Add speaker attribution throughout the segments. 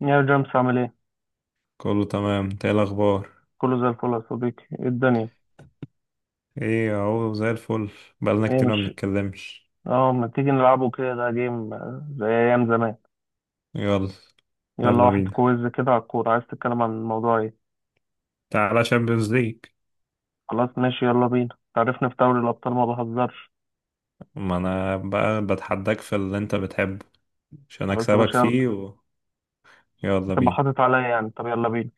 Speaker 1: يا جيمس، عامل ايه؟
Speaker 2: كله تمام، انت ايه الاخبار؟
Speaker 1: كله زي الفل يا صديقي، ايه الدنيا؟
Speaker 2: ايه اهو زي الفل. بقالنا
Speaker 1: ايه
Speaker 2: كتير ما
Speaker 1: مش
Speaker 2: بنتكلمش.
Speaker 1: اه ما تيجي نلعبه كده، ده جيم، زي ايام زمان.
Speaker 2: يلا.
Speaker 1: يلا
Speaker 2: يلا
Speaker 1: واحد
Speaker 2: بينا.
Speaker 1: كويز كده على الكورة، عايز تتكلم عن الموضوع ايه؟
Speaker 2: تعالى شامبيونز ليج.
Speaker 1: خلاص ماشي، يلا بينا. تعرفني في دوري الأبطال ما بهزرش.
Speaker 2: ما انا بقى بتحداك في اللي انت بتحبه عشان
Speaker 1: خلاص يا
Speaker 2: اكسبك
Speaker 1: باشا، يلا.
Speaker 2: فيه يلا
Speaker 1: هتبقى
Speaker 2: بينا.
Speaker 1: حاطط عليا يعني، طب يلا بينا.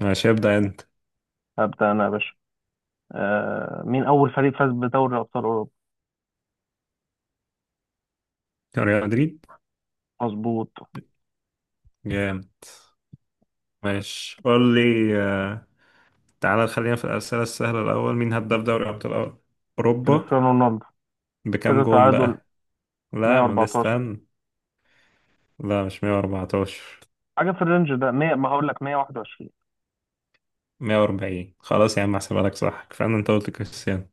Speaker 2: ماشي، ابدأ انت.
Speaker 1: هبدأ أنا يا باشا. مين أول فريق فاز بدوري أبطال أوروبا؟
Speaker 2: ريال مدريد.
Speaker 1: مظبوط.
Speaker 2: جامد. ماشي قول لي. آه، تعالى خلينا في الأسئلة السهلة. الأول، مين هداف دوري أبطال أوروبا؟
Speaker 1: كريستيانو رونالدو.
Speaker 2: بكام
Speaker 1: كده
Speaker 2: جون
Speaker 1: تعادل.
Speaker 2: بقى؟ لا ما ده،
Speaker 1: 114.
Speaker 2: استنى. لا مش 114.
Speaker 1: حاجة في الرينج ده. 100، ما هقول لك 121.
Speaker 2: 140، خلاص يا عم احسبها لك، صح، كفاية، انت قلت كريستيانو.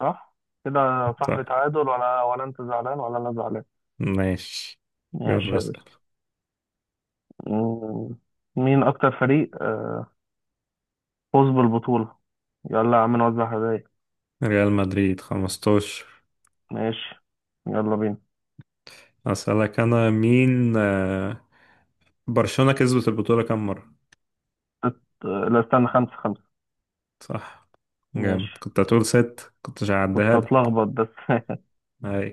Speaker 1: صح، كده يا صاحبي
Speaker 2: صح.
Speaker 1: تعادل، ولا انت زعلان ولا انا زعلان؟
Speaker 2: ماشي.
Speaker 1: ماشي
Speaker 2: يلا
Speaker 1: يا باشا.
Speaker 2: اسأل.
Speaker 1: مم. مين اكتر فريق فوز بالبطولة. يلا يا عم نوزع هدايا.
Speaker 2: ريال مدريد 15.
Speaker 1: ماشي يلا بينا.
Speaker 2: اسألك انا مين. برشلونة كسبت البطولة كام مرة؟
Speaker 1: ست... آه، لا استنى، خمسة خمسة.
Speaker 2: صح. جامد،
Speaker 1: ماشي.
Speaker 2: كنت هتقول ست كنتش
Speaker 1: كنت
Speaker 2: هعديها
Speaker 1: اتلخبط
Speaker 2: لك.
Speaker 1: بس.
Speaker 2: اي.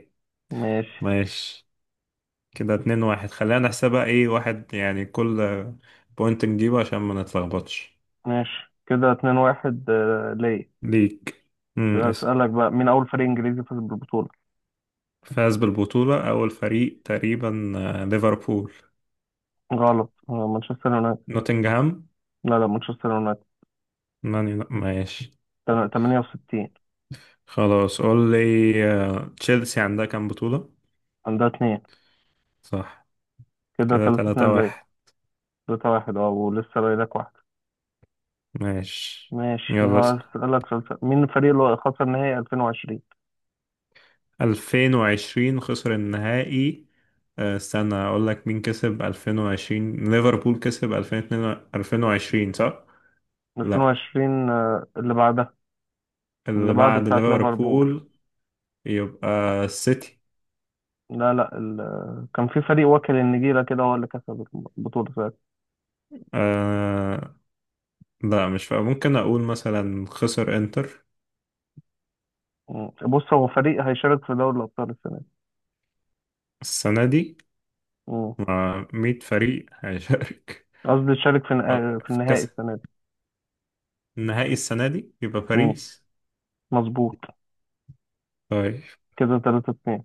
Speaker 1: ماشي.
Speaker 2: ماشي، كده اتنين واحد، خلينا نحسبها، ايه، واحد يعني كل بوينت نجيبه عشان ما نتلخبطش.
Speaker 1: ماشي، كده اتنين واحد ليا.
Speaker 2: ليك. اسأل.
Speaker 1: اسألك بقى، مين أول فريق إنجليزي فاز بالبطولة؟
Speaker 2: فاز بالبطولة أول فريق تقريبا، ليفربول.
Speaker 1: غلط. مانشستر يونايتد.
Speaker 2: نوتنغهام.
Speaker 1: لا لا، مانشستر يونايتد.
Speaker 2: ماشي.
Speaker 1: 68.
Speaker 2: خلاص قول لي. تشيلسي عندها كام بطولة؟
Speaker 1: عندها اتنين.
Speaker 2: صح.
Speaker 1: كده
Speaker 2: كده
Speaker 1: تلاتة
Speaker 2: تلاتة
Speaker 1: اتنين ليا.
Speaker 2: واحد.
Speaker 1: ثلاثة واحد ولسه باقي لك واحدة.
Speaker 2: ماشي.
Speaker 1: ماشي.
Speaker 2: يلا اسأل.
Speaker 1: هسألك سؤال سهل. مين الفريق اللي خسر نهائي 2020؟
Speaker 2: 2020 خسر النهائي. استنى اقول لك مين كسب 2020، ليفربول كسب 2022، صح؟ لا.
Speaker 1: 2020؟ اللي بعدها. اللي
Speaker 2: اللي
Speaker 1: بعد
Speaker 2: بعد
Speaker 1: بتاعة ليفربول.
Speaker 2: ليفربول. يبقى السيتي.
Speaker 1: لا لا، كان في فريق واكل النجيلة كده، هو اللي كسب البطولة ساعتها.
Speaker 2: آه. لا مش فاهم، ممكن اقول مثلا خسر انتر.
Speaker 1: مم. بص، هو فريق هيشارك في دوري الأبطال السنة دي.
Speaker 2: السنة دي.
Speaker 1: مم.
Speaker 2: مع 100 فريق هيشارك.
Speaker 1: قصدي يشارك في
Speaker 2: في
Speaker 1: النهائي
Speaker 2: كأس
Speaker 1: السنة دي.
Speaker 2: النهائي السنة دي يبقى
Speaker 1: مم.
Speaker 2: باريس.
Speaker 1: مظبوط.
Speaker 2: طيب.
Speaker 1: كده 3-2.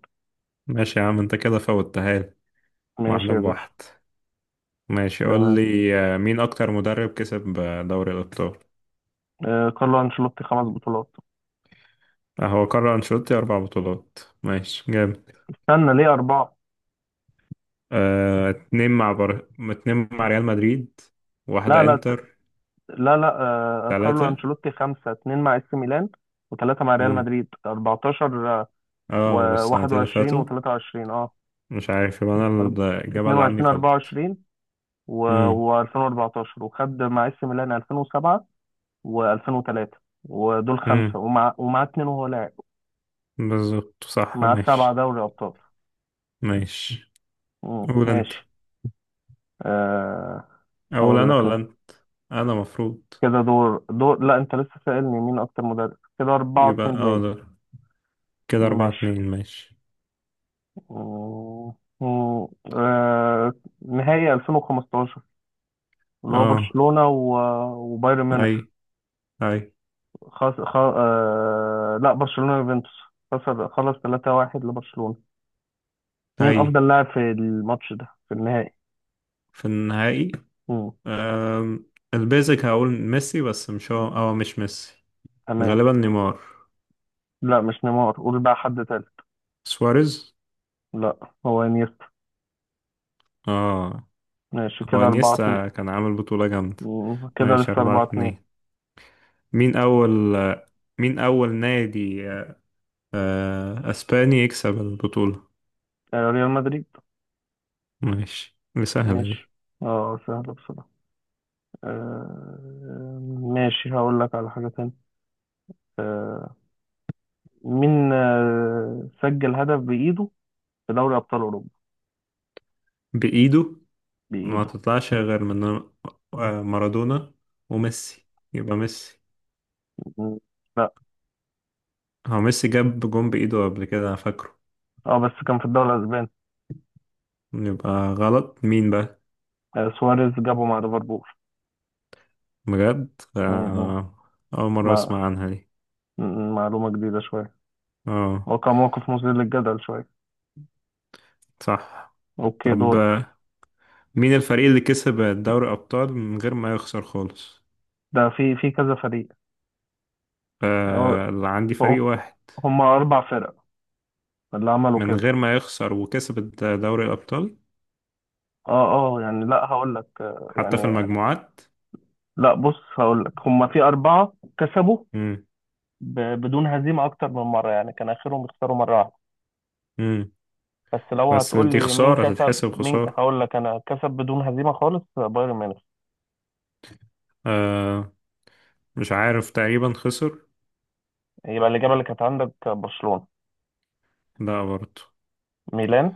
Speaker 2: ماشي يا عم، انت كده فوتها لي.
Speaker 1: ماشي
Speaker 2: واحدة
Speaker 1: يا باشا.
Speaker 2: بواحد. ماشي قول
Speaker 1: تمام.
Speaker 2: لي، مين أكتر مدرب كسب دوري الأبطال؟
Speaker 1: كارلو أنشيلوتي خمس بطولات.
Speaker 2: هو كارلو أنشيلوتي أربع بطولات. ماشي، جامد.
Speaker 1: استنى، ليه أربعة؟
Speaker 2: اتنين مع اتنين مع ريال مدريد.
Speaker 1: لا
Speaker 2: واحدة
Speaker 1: لا.
Speaker 2: انتر.
Speaker 1: لا لا. كارلو
Speaker 2: تلاتة.
Speaker 1: أنشيلوتي خمسة. اتنين مع اس ميلان، وثلاثة مع ريال
Speaker 2: مم.
Speaker 1: مدريد. 14
Speaker 2: اه، والسنتين اللي
Speaker 1: و21
Speaker 2: فاتوا.
Speaker 1: و23،
Speaker 2: مش عارف، يبقى أنا
Speaker 1: أرب-
Speaker 2: الإجابة اللي عندي
Speaker 1: 22
Speaker 2: غلط.
Speaker 1: 24،
Speaker 2: مم.
Speaker 1: و2014، وخد مع اس ميلان 2007 و2003. ودول
Speaker 2: مم.
Speaker 1: خمسة، ومع اتنين وهو لاعب.
Speaker 2: بالظبط صح،
Speaker 1: مع سبعة
Speaker 2: ماشي.
Speaker 1: دوري أبطال.
Speaker 2: ماشي.
Speaker 1: مم،
Speaker 2: قول انت.
Speaker 1: ماشي. آه
Speaker 2: اقول
Speaker 1: هقول
Speaker 2: انا
Speaker 1: لك
Speaker 2: ولا
Speaker 1: أنا.
Speaker 2: انت؟ انا مفروض.
Speaker 1: كده دور. لا، أنت لسه سائلني مين أكتر مدرب. كده أربعة
Speaker 2: يبقى
Speaker 1: اتنين
Speaker 2: اه
Speaker 1: ليا.
Speaker 2: ده، كده اربعة
Speaker 1: ماشي.
Speaker 2: اتنين، ماشي.
Speaker 1: مم. مم. آه، نهائي 2015، اللي هو
Speaker 2: اه.
Speaker 1: برشلونة وبايرن
Speaker 2: اي.
Speaker 1: ميونخ.
Speaker 2: اي.
Speaker 1: لا، برشلونة يوفنتوس. خسر. خلص 3-1 لبرشلونة. مين
Speaker 2: اي.
Speaker 1: أفضل لاعب في الماتش ده، في النهائي؟
Speaker 2: في النهائي.
Speaker 1: مم.
Speaker 2: أم... البيزك هقول ميسي بس مش هو، مش ميسي.
Speaker 1: تمام.
Speaker 2: غالبا نيمار.
Speaker 1: لا مش نيمار، قول بقى حد تاني.
Speaker 2: سواريز.
Speaker 1: لا، هو انيستا.
Speaker 2: اه.
Speaker 1: ماشي
Speaker 2: هو
Speaker 1: كده 4-2.
Speaker 2: انيستا كان عامل بطولة جامدة.
Speaker 1: كده
Speaker 2: ماشي
Speaker 1: لسه
Speaker 2: أربعة
Speaker 1: 4-2.
Speaker 2: اتنين. مين أول. مين أول نادي أسباني يكسب البطولة؟
Speaker 1: ريال مدريد.
Speaker 2: ماشي، دي سهلة دي.
Speaker 1: ماشي. اه، سهلة بصراحة. ماشي، هقول لك على حاجة تانية. آه، مين سجل هدف بإيده في دوري أبطال أوروبا؟
Speaker 2: بإيده؟ ما
Speaker 1: بإيده.
Speaker 2: تطلعش غير من مارادونا وميسي. يبقى ميسي.
Speaker 1: مم. لا.
Speaker 2: هو ميسي جاب جون بإيده قبل كده، أنا فاكره.
Speaker 1: اه بس كان في الدوري الأسباني.
Speaker 2: يبقى غلط، مين بقى؟
Speaker 1: سواريز جابه مع ليفربول.
Speaker 2: بجد
Speaker 1: مم، مم.
Speaker 2: آه، أول مرة
Speaker 1: مع
Speaker 2: أسمع عنها دي.
Speaker 1: معلومة جديدة شوية.
Speaker 2: اه.
Speaker 1: هو كان موقف مثير للجدل شوية.
Speaker 2: صح.
Speaker 1: أوكي،
Speaker 2: طب،
Speaker 1: دورك.
Speaker 2: مين الفريق اللي كسب دوري أبطال من غير ما يخسر خالص؟
Speaker 1: ده في في كذا فريق. اه
Speaker 2: اللي عندي فريق
Speaker 1: اه.
Speaker 2: واحد.
Speaker 1: هما أربع فرق اللي عملوا
Speaker 2: من
Speaker 1: كده.
Speaker 2: غير ما يخسر وكسب دوري الأبطال.
Speaker 1: اه اه، يعني، لا هقول لك
Speaker 2: حتى في
Speaker 1: يعني.
Speaker 2: المجموعات.
Speaker 1: لا بص، هقول لك هما في أربعة كسبوا
Speaker 2: مم.
Speaker 1: بدون هزيمة أكتر من مرة، يعني كان آخرهم يخسروا مرة واحدة.
Speaker 2: مم.
Speaker 1: بس لو
Speaker 2: بس
Speaker 1: هتقول
Speaker 2: دي
Speaker 1: لي مين
Speaker 2: خسارة
Speaker 1: كسب،
Speaker 2: تتحسب
Speaker 1: مين
Speaker 2: خسارة.
Speaker 1: هقول لك انا كسب بدون هزيمه خالص، بايرن ميونخ.
Speaker 2: آه، مش عارف، تقريبا خسر.
Speaker 1: يبقى الاجابه اللي كانت عندك برشلونه.
Speaker 2: لا برضه.
Speaker 1: ميلان.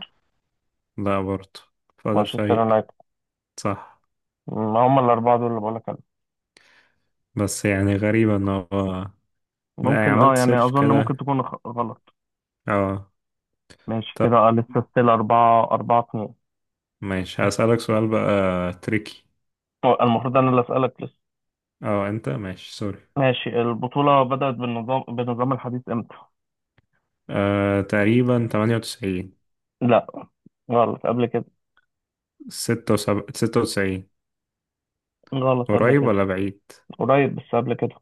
Speaker 2: لا برضه. فضل
Speaker 1: مانشستر
Speaker 2: فريق.
Speaker 1: يونايتد.
Speaker 2: صح.
Speaker 1: ما هم الاربعه دول اللي بقول لك عليهم.
Speaker 2: بس يعني غريبة ان هو ما يعني
Speaker 1: ممكن
Speaker 2: عملت
Speaker 1: يعني،
Speaker 2: سيرش
Speaker 1: اظن ممكن
Speaker 2: كده.
Speaker 1: تكون غلط.
Speaker 2: اه.
Speaker 1: ماشي
Speaker 2: طب.
Speaker 1: كده، لسه ستيل أربعة أربعة اتنين.
Speaker 2: ماشي هسألك سؤال بقى تريكي.
Speaker 1: هو المفروض أنا اللي أسألك لسه.
Speaker 2: اه انت، ماشي سوري.
Speaker 1: ماشي. البطولة بدأت بالنظام الحديث إمتى؟
Speaker 2: تقريبا 98.
Speaker 1: لا. غلط قبل كده.
Speaker 2: 76، 96.
Speaker 1: غلط قبل
Speaker 2: قريب
Speaker 1: كده.
Speaker 2: ولا بعيد؟
Speaker 1: قريب بس قبل كده.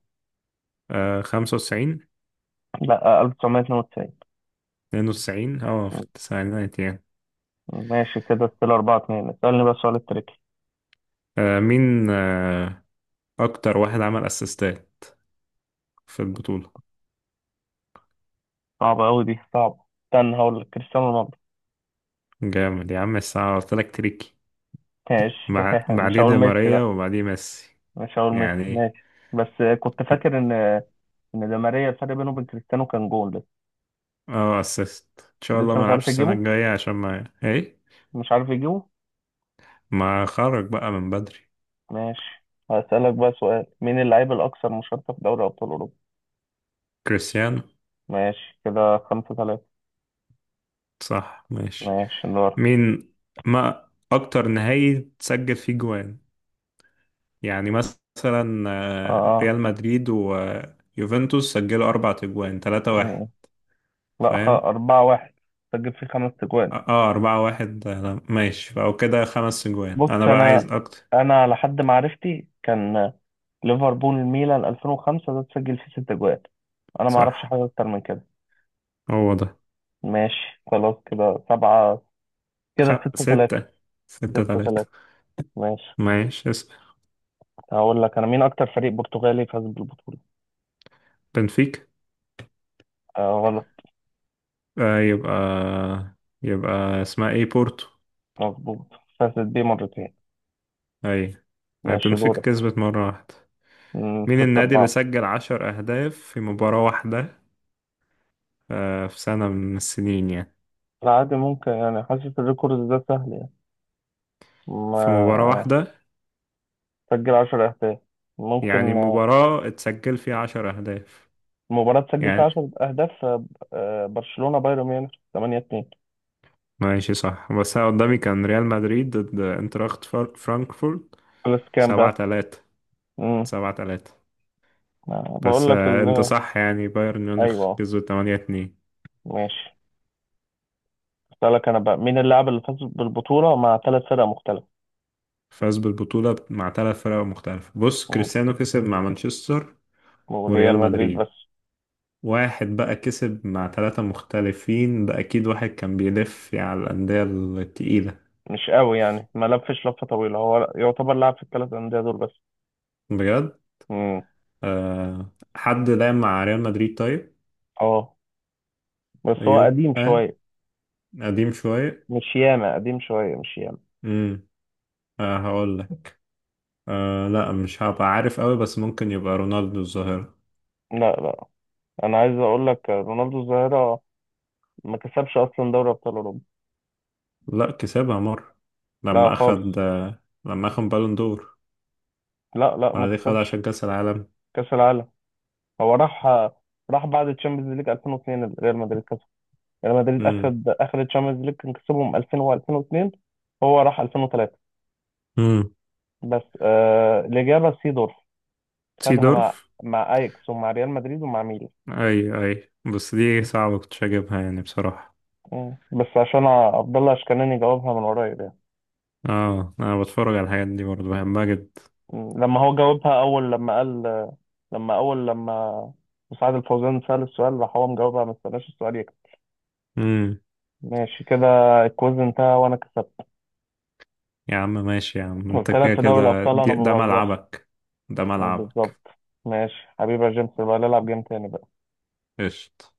Speaker 2: 95.
Speaker 1: لا، 1992.
Speaker 2: 92، اه في التسعينات يعني.
Speaker 1: ماشي كده، ستيل 4-2. اسألني بقى سؤال التريكي.
Speaker 2: مين اكتر واحد عمل اسيستات في البطولة؟
Speaker 1: صعبة أوي دي، صعبة. استنى، هقول لك كريستيانو رونالدو.
Speaker 2: جامد يا عم، الساعة قلت لك تريكي.
Speaker 1: ماشي
Speaker 2: مع
Speaker 1: مش
Speaker 2: بعديه
Speaker 1: هقول
Speaker 2: دي
Speaker 1: ميسي
Speaker 2: ماريا
Speaker 1: لأ.
Speaker 2: وبعديه ميسي.
Speaker 1: مش هقول ميسي.
Speaker 2: يعني.
Speaker 1: ماشي، بس كنت فاكر إن ده ماريا، الفرق بينه وبين كريستيانو كان جول لسه.
Speaker 2: اه اسيست، ان شاء الله
Speaker 1: لسه
Speaker 2: ما
Speaker 1: مش
Speaker 2: العبش
Speaker 1: عارف
Speaker 2: السنه
Speaker 1: يجيبه.
Speaker 2: الجايه عشان ما ايه.
Speaker 1: مش عارف يجيبه.
Speaker 2: ما خرج بقى من بدري.
Speaker 1: ماشي، هسألك بقى سؤال. مين اللاعب الأكثر مشاركة في دوري أبطال أوروبا؟
Speaker 2: كريستيانو.
Speaker 1: ماشي كده خمسة ثلاثة.
Speaker 2: صح ماشي.
Speaker 1: ماشي دور.
Speaker 2: مين. ما اكتر نهائي تسجل فيه جوان؟ يعني مثلا،
Speaker 1: آه
Speaker 2: ريال مدريد ويوفنتوس سجلوا اربع اجوان، تلاتة واحد.
Speaker 1: آه لا،
Speaker 2: فاهم.
Speaker 1: أربعة واحد. سجل فيه خمس تجوان.
Speaker 2: اه، اربعة واحد، ماشي فأو كده خمس اجوان،
Speaker 1: بص
Speaker 2: انا بقى عايز
Speaker 1: انا
Speaker 2: اكتر.
Speaker 1: انا على حد معرفتي كان ليفربول ميلان 2005، ده تسجل فيه ست اجوال. انا ما اعرفش
Speaker 2: صح.
Speaker 1: حاجه اكتر من كده.
Speaker 2: هو ده.
Speaker 1: ماشي خلاص. كده سبعة. كده ستة تلاتة.
Speaker 2: ستة. ستة
Speaker 1: ستة
Speaker 2: تلاتة.
Speaker 1: تلاتة. ماشي.
Speaker 2: ماشي، اسم.
Speaker 1: هقول لك انا، مين اكتر فريق برتغالي فاز بالبطوله؟
Speaker 2: بنفيكا.
Speaker 1: غلط.
Speaker 2: يبقى، يبقى اسمها ايه، بورتو.
Speaker 1: مظبوط. فازت بيه مرتين.
Speaker 2: اي.
Speaker 1: ماشي
Speaker 2: بنفيكا
Speaker 1: دورك.
Speaker 2: كسبت مرة واحدة. مين
Speaker 1: ستة
Speaker 2: النادي اللي
Speaker 1: أربعة.
Speaker 2: سجل عشر أهداف في مباراة واحدة؟ في سنة من السنين يعني.
Speaker 1: لا عادي، ممكن يعني. حاسس الريكورد ده سهل يعني. ما
Speaker 2: في مباراة واحدة.
Speaker 1: سجل عشر أهداف
Speaker 2: يعني
Speaker 1: ممكن،
Speaker 2: مباراة اتسجل فيها عشر أهداف.
Speaker 1: مباراة سجل فيها
Speaker 2: يعني.
Speaker 1: 10 أهداف. برشلونة بايرن ميونخ 8-2.
Speaker 2: ماشي صح، بس أنا قدامي كان ريال مدريد ضد انتراخت فرانكفورت.
Speaker 1: خلص كام
Speaker 2: سبعة
Speaker 1: بقى؟
Speaker 2: تلاتة.
Speaker 1: امم.
Speaker 2: سبعة تلاتة.
Speaker 1: بقول
Speaker 2: بس
Speaker 1: لك ال
Speaker 2: انت صح، يعني بايرن ميونخ
Speaker 1: أيوه.
Speaker 2: كسبوا 8-2.
Speaker 1: ماشي. أسألك أنا بقى، مين اللاعب اللي فاز بالبطولة مع ثلاث فرق مختلفة؟
Speaker 2: فاز بالبطولة مع ثلاث فرق مختلفة، بص
Speaker 1: مم.
Speaker 2: كريستيانو كسب مع مانشستر
Speaker 1: وريال
Speaker 2: وريال
Speaker 1: مدريد
Speaker 2: مدريد.
Speaker 1: بس.
Speaker 2: واحد بقى كسب مع ثلاثة مختلفين، ده أكيد واحد كان بيلف على الأندية التقيلة.
Speaker 1: مش قوي يعني، ما لفش لفة طويلة، هو يعتبر لاعب في الثلاث أندية دول بس.
Speaker 2: بجد.
Speaker 1: امم.
Speaker 2: أه، حد لعب مع ريال مدريد طيب؟
Speaker 1: اه بس هو قديم
Speaker 2: يبقى
Speaker 1: شوية.
Speaker 2: قديم شوية.
Speaker 1: مش ياما قديم شوية، مش ياما.
Speaker 2: امم. أه هقول لك. أه لا مش هبقى عارف قوي، بس ممكن يبقى رونالدو الظاهرة.
Speaker 1: لا لا. أنا عايز أقول لك، رونالدو الظاهرة ما كسبش أصلا دوري أبطال أوروبا.
Speaker 2: لا كسبها مرة.
Speaker 1: لا
Speaker 2: لما أخد.
Speaker 1: خالص.
Speaker 2: لما أخد بالون دور.
Speaker 1: لا لا ما
Speaker 2: ولا دي خد
Speaker 1: كسبش.
Speaker 2: عشان كأس العالم.
Speaker 1: كاس العالم. هو راح. راح بعد تشامبيونز ليج 2002، ريال مدريد كسب. ريال مدريد
Speaker 2: امم.
Speaker 1: اخد اخر تشامبيونز ليج، كان كسبهم 2000 و2002. هو راح 2003.
Speaker 2: امم.
Speaker 1: بس الاجابه سيدورف. خدها
Speaker 2: سيدورف.
Speaker 1: مع اياكس ومع ريال مدريد ومع ميلان.
Speaker 2: أي، أي، بس دي صعبة كنتش أجيبها يعني بصراحة.
Speaker 1: بس عشان عبد الله اشكناني جاوبها من قريب يعني.
Speaker 2: اه، أنا بتفرج على الحاجات دي برضه، بحبها جدا.
Speaker 1: لما هو جاوبها اول، لما قال، لما اول لما مساعد الفوزان سأل السؤال، راح هو مجاوبها، ما استناش السؤال يكمل.
Speaker 2: امم.
Speaker 1: ماشي كده. الكويز انتهى وانا كسبت.
Speaker 2: يا عم ماشي يا عم، أنت
Speaker 1: قلت لك
Speaker 2: كده
Speaker 1: في دوري
Speaker 2: كده
Speaker 1: الأبطال أنا ما
Speaker 2: ده
Speaker 1: بهزرش.
Speaker 2: ملعبك. ده ملعبك.
Speaker 1: بالظبط. ماشي حبيبي يا جيمس، يبقى نلعب جيم تاني بقى.
Speaker 2: قشطة.